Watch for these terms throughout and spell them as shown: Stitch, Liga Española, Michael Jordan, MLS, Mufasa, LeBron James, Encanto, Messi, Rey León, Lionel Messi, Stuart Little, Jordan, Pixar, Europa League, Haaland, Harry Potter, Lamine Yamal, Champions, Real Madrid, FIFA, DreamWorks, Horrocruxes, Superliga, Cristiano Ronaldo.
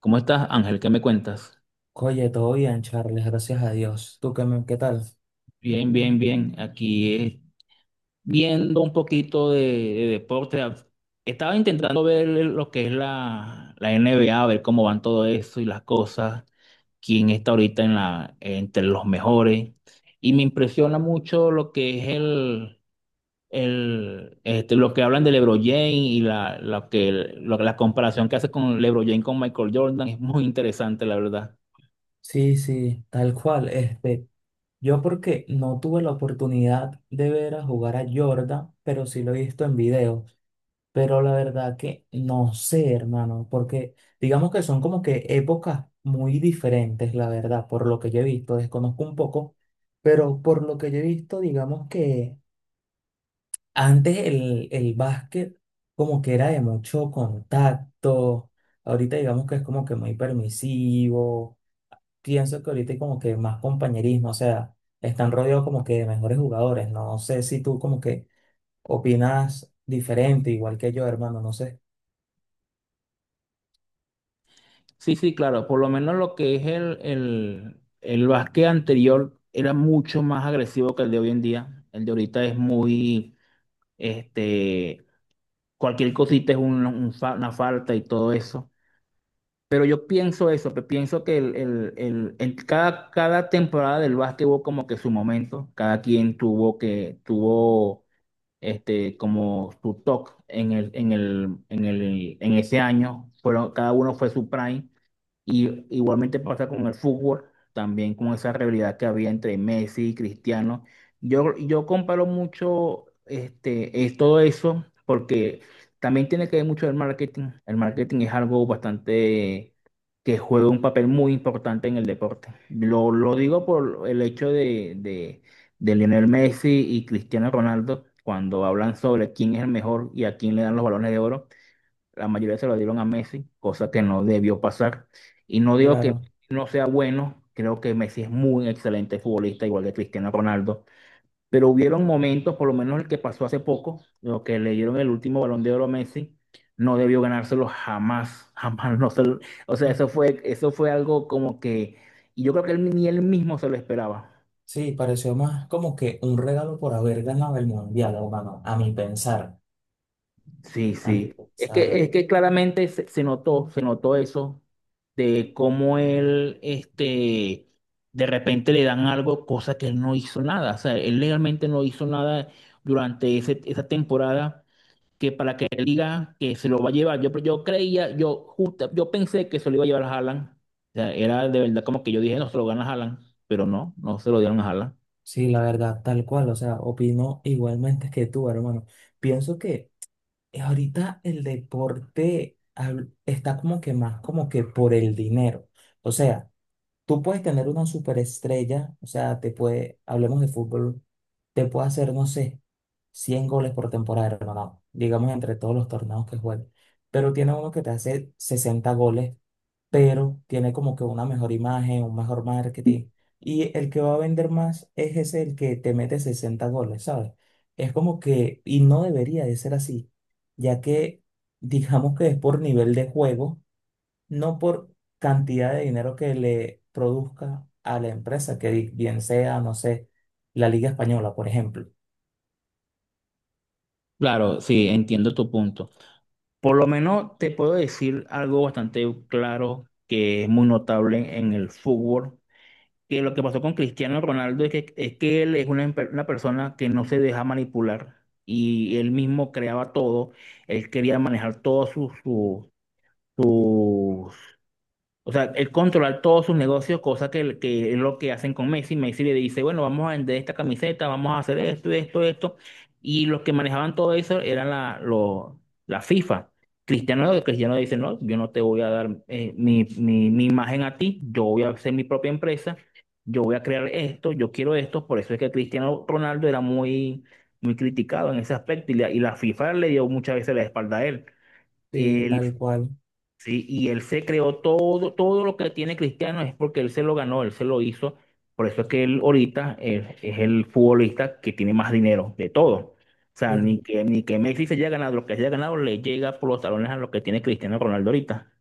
¿Cómo estás, Ángel? ¿Qué me cuentas? Oye, todo bien, Charles, gracias a Dios. ¿Tú qué, qué tal? Bien, bien, bien. Aquí viendo un poquito de deporte. Estaba intentando ver lo que es la NBA, ver cómo van todo eso y las cosas, quién está ahorita en la, entre los mejores. Y me impresiona mucho lo que es lo que hablan de LeBron James y la comparación que hace con LeBron James con Michael Jordan. Es muy interesante, la verdad. Sí, sí, tal cual. Este, yo porque no tuve la oportunidad de ver a jugar a Jordan, pero sí lo he visto en videos. Pero la verdad que no sé, hermano, porque digamos que son como que épocas muy diferentes, la verdad, por lo que yo he visto, desconozco un poco, pero por lo que yo he visto, digamos que antes el básquet como que era de mucho contacto. Ahorita digamos que es como que muy permisivo. Pienso que ahorita hay como que más compañerismo, o sea, están rodeados como que de mejores jugadores. No sé si tú como que opinas diferente, igual que yo, hermano, no sé, Sí, sí, claro. Por lo menos lo que es el básquet anterior era mucho más agresivo que el de hoy en día. El de ahorita es este, cualquier cosita es una falta y todo eso. Pero yo pienso eso, que pienso que cada temporada del básquet hubo como que su momento. Cada quien tuvo como su toque en ese año. Fueron, cada uno fue su prime. Y igualmente pasa con el fútbol, también con esa rivalidad que había entre Messi y Cristiano. Yo comparo mucho es todo eso porque también tiene que ver mucho el marketing. El marketing es algo bastante que juega un papel muy importante en el deporte. Lo digo por el hecho de Lionel Messi y Cristiano Ronaldo cuando hablan sobre quién es el mejor y a quién le dan los balones de oro. La mayoría se lo dieron a Messi, cosa que no debió pasar. Y no digo que claro. no sea bueno, creo que Messi es muy excelente futbolista, igual que Cristiano Ronaldo. Pero hubieron momentos, por lo menos el que pasó hace poco, lo que le dieron el último balón de oro a Messi, no debió ganárselo jamás, jamás. No se lo- O sea, Ujú. Eso fue algo como que, y yo creo que él, ni él mismo se lo esperaba. Sí, pareció más como que un regalo por haber ganado el mundial, hermano, a mi pensar, Sí, a mi sí. Es pensar. que, es que claramente se notó eso de cómo de repente le dan algo, cosa que él no hizo nada. O sea, él legalmente no hizo nada durante esa temporada que para que él diga que se lo va a llevar. Yo creía, yo justa- yo pensé que se lo iba a llevar a Haaland. O sea, era de verdad como que yo dije, no se lo gana a Haaland, pero no, no se lo dieron a Haaland. Sí, la verdad, tal cual, o sea, opino igualmente que tú, hermano. Pienso que ahorita el deporte está como que más como que por el dinero. O sea, tú puedes tener una superestrella, o sea, te puede, hablemos de fútbol, te puede hacer, no sé, 100 goles por temporada, hermano, digamos entre todos los torneos que juegue, pero tiene uno que te hace 60 goles, pero tiene como que una mejor imagen, un mejor marketing, y el que va a vender más es ese, el que te mete 60 goles, ¿sabes? Es como que, y no debería de ser así, ya que digamos que es por nivel de juego, no por cantidad de dinero que le produzca a la empresa, que bien sea, no sé, la Liga Española, por ejemplo. Claro, sí, entiendo tu punto. Por lo menos te puedo decir algo bastante claro que es muy notable en el fútbol, que lo que pasó con Cristiano Ronaldo es que él es una persona que no se deja manipular y él mismo creaba todo, él quería manejar todos sus, o sea, él controlar todos sus negocios, que es lo que hacen con Messi. Messi le dice, bueno, vamos a vender esta camiseta, vamos a hacer esto, esto, esto. Y los que manejaban todo eso la FIFA. Cristiano dice, no, yo no te voy a dar mi imagen a ti, yo voy a hacer mi propia empresa, yo voy a crear esto, yo quiero esto. Por eso es que Cristiano Ronaldo era muy criticado en ese aspecto y la FIFA le dio muchas veces la espalda a él. Sí, Eh, tal cual. Sí, y él se creó todo, todo lo que tiene Cristiano es porque él se lo ganó, él se lo hizo. Por eso es que él ahorita es el futbolista que tiene más dinero de todo. O sea, Sí. Ni que Messi se haya ganado lo que se haya ganado, le llega por los talones a lo que tiene Cristiano Ronaldo ahorita.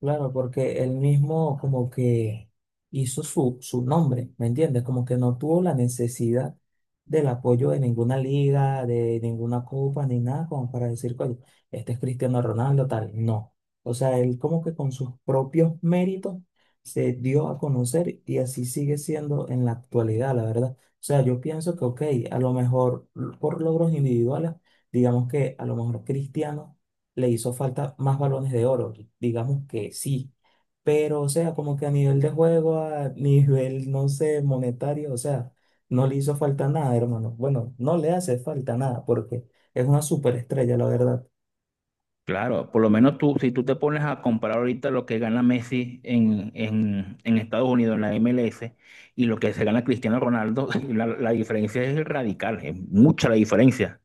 Claro, porque él mismo como que hizo su nombre, ¿me entiendes? Como que no tuvo la necesidad del apoyo de ninguna liga, de ninguna copa, ni nada como para decir, oye, este es Cristiano Ronaldo, tal. No. O sea, él como que con sus propios méritos se dio a conocer y así sigue siendo en la actualidad, la verdad. O sea, yo pienso que, ok, a lo mejor por logros individuales, digamos que a lo mejor Cristiano le hizo falta más balones de oro, digamos que sí, pero o sea, como que a nivel de juego, a nivel, no sé, monetario, o sea, no le hizo falta nada, hermano. Bueno, no le hace falta nada porque es una superestrella, la verdad. Claro, por lo menos tú, si tú te pones a comparar ahorita lo que gana Messi en Estados Unidos, en la MLS, y lo que se gana Cristiano Ronaldo, la diferencia es radical, es mucha la diferencia.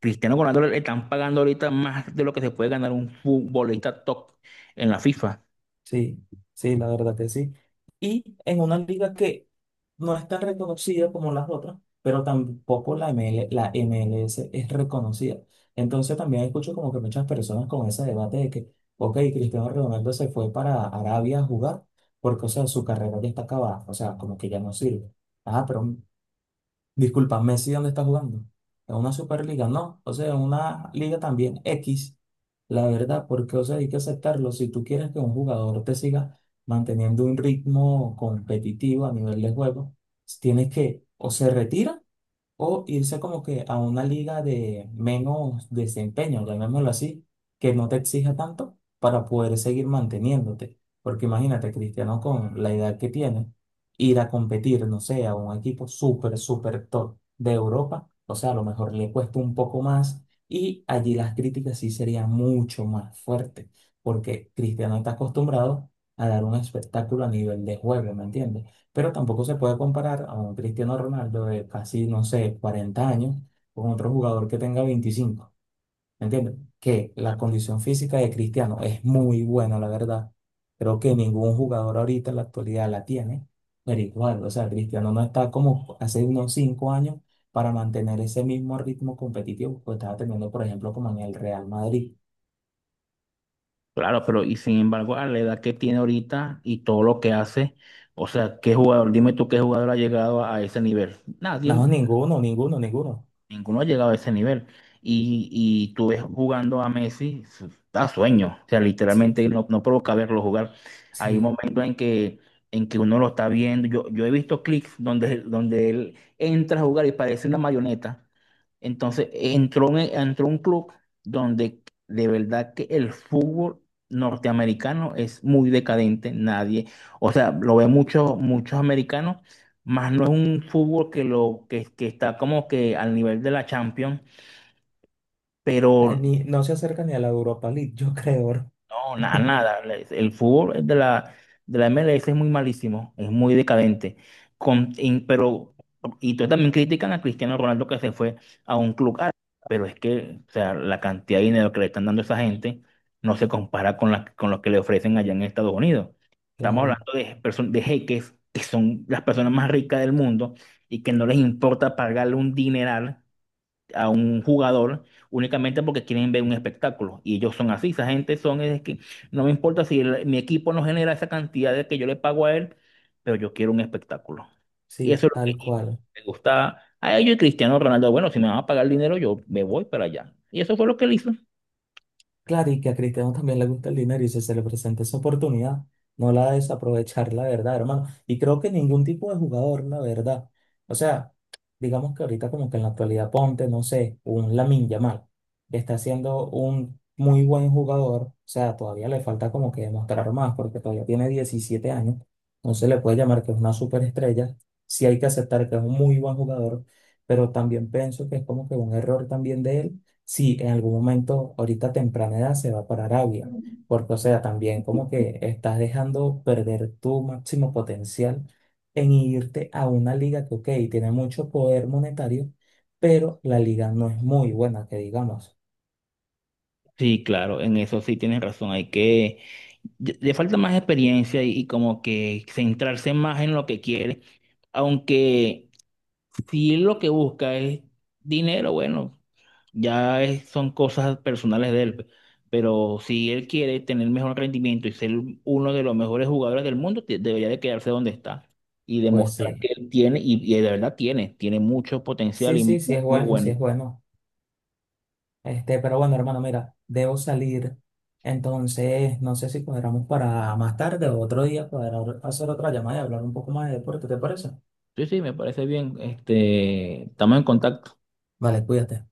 Cristiano Ronaldo le están pagando ahorita más de lo que se puede ganar un futbolista top en la FIFA. Sí, sí, la verdad que sí. Y en una liga que no es tan reconocida como las otras, pero tampoco la MLS es reconocida. Entonces también escucho como que muchas personas con ese debate de que, ok, Cristiano Ronaldo se fue para Arabia a jugar porque, o sea, su carrera ya está acabada, o sea, como que ya no sirve. Ah, pero disculpa, Messi, ¿dónde está jugando? En una Superliga, no. O sea, en una liga también X, la verdad, porque, o sea, hay que aceptarlo. Si tú quieres que un jugador te siga manteniendo un ritmo competitivo a nivel de juego, tienes que o se retira o irse como que a una liga de menos desempeño, llamémoslo así, que no te exija tanto para poder seguir manteniéndote. Porque imagínate, Cristiano, con la edad que tiene, ir a competir, no sé, a un equipo súper, súper top de Europa, o sea, a lo mejor le cuesta un poco más y allí las críticas sí serían mucho más fuertes, porque Cristiano está acostumbrado a dar un espectáculo a nivel de juego, ¿me entiendes? Pero tampoco se puede comparar a un Cristiano Ronaldo de casi, no sé, 40 años con otro jugador que tenga 25, ¿me entiendes? Que la condición física de Cristiano es muy buena, la verdad. Creo que ningún jugador ahorita en la actualidad la tiene. Pero igual, o sea, Cristiano no está como hace unos 5 años para mantener ese mismo ritmo competitivo que estaba teniendo, por ejemplo, como en el Real Madrid. Claro, pero y sin embargo, a la edad que tiene ahorita y todo lo que hace, o sea, ¿qué jugador? Dime tú qué jugador ha llegado a ese nivel. No, Nadie, ninguno, ninguno, ninguno. ninguno ha llegado a ese nivel. Y tú ves jugando a Messi, da sueño. O sea, Sí, literalmente no, no provoca verlo jugar. Hay sí. momentos en que uno lo está viendo. Yo he visto clics donde él entra a jugar y parece una marioneta. Entonces, entró a un club donde de verdad que el fútbol norteamericano es muy decadente. Nadie, o sea, lo ve muchos, muchos americanos más no es un fútbol que está como que al nivel de la Champions, Ah, pero no se acerca ni a la Europa League, yo creo. no, nada, nada. El fútbol de la MLS es muy malísimo, es muy decadente. Con, y- pero, y tú también critican a Cristiano Ronaldo que se fue a un club árabe, pero es que, o sea, la cantidad de dinero que le están dando a esa gente no se compara con lo que le ofrecen allá en Estados Unidos. Estamos Claro. hablando de jeques que son las personas más ricas del mundo y que no les importa pagarle un dineral a un jugador únicamente porque quieren ver un espectáculo. Y ellos son así, esa gente son, es que no me importa mi equipo no genera esa cantidad de que yo le pago a él, pero yo quiero un espectáculo. Y Sí, eso es lo tal que cual. me gusta a ellos y Cristiano Ronaldo. Bueno, si me van a pagar dinero, yo me voy para allá. Y eso fue lo que él hizo. Claro, y que a Cristiano también le gusta el dinero y si se le presenta esa oportunidad, no la desaprovechar, la verdad, hermano. Y creo que ningún tipo de jugador, la verdad. O sea, digamos que ahorita como que en la actualidad ponte, no sé, un Lamine Yamal, que está siendo un muy buen jugador, o sea, todavía le falta como que demostrar más porque todavía tiene 17 años. No se le puede llamar que es una superestrella, sí hay que aceptar que es un muy buen jugador, pero también pienso que es como que un error también de él si en algún momento, ahorita a temprana edad, se va para Arabia. Porque, o sea, también como que estás dejando perder tu máximo potencial en irte a una liga que, ok, tiene mucho poder monetario, pero la liga no es muy buena, que digamos. Sí, claro, en eso sí tienes razón. Le falta más experiencia y como que centrarse más en lo que quiere. Aunque si lo que busca es dinero, bueno. Son cosas personales de él, pero si él quiere tener mejor rendimiento y ser uno de los mejores jugadores del mundo, debería de quedarse donde está y Pues demostrar que sí, él tiene, y de verdad tiene, tiene mucho potencial sí, y mu- sí, sí es muy, bueno, sí es bueno. bueno. Este, pero bueno, hermano, mira, debo salir. Entonces, no sé si cuadramos para más tarde o otro día, poder hacer otra llamada y hablar un poco más de deporte, ¿te parece? Sí, sí, me parece bien. Este, estamos en contacto. Vale, cuídate.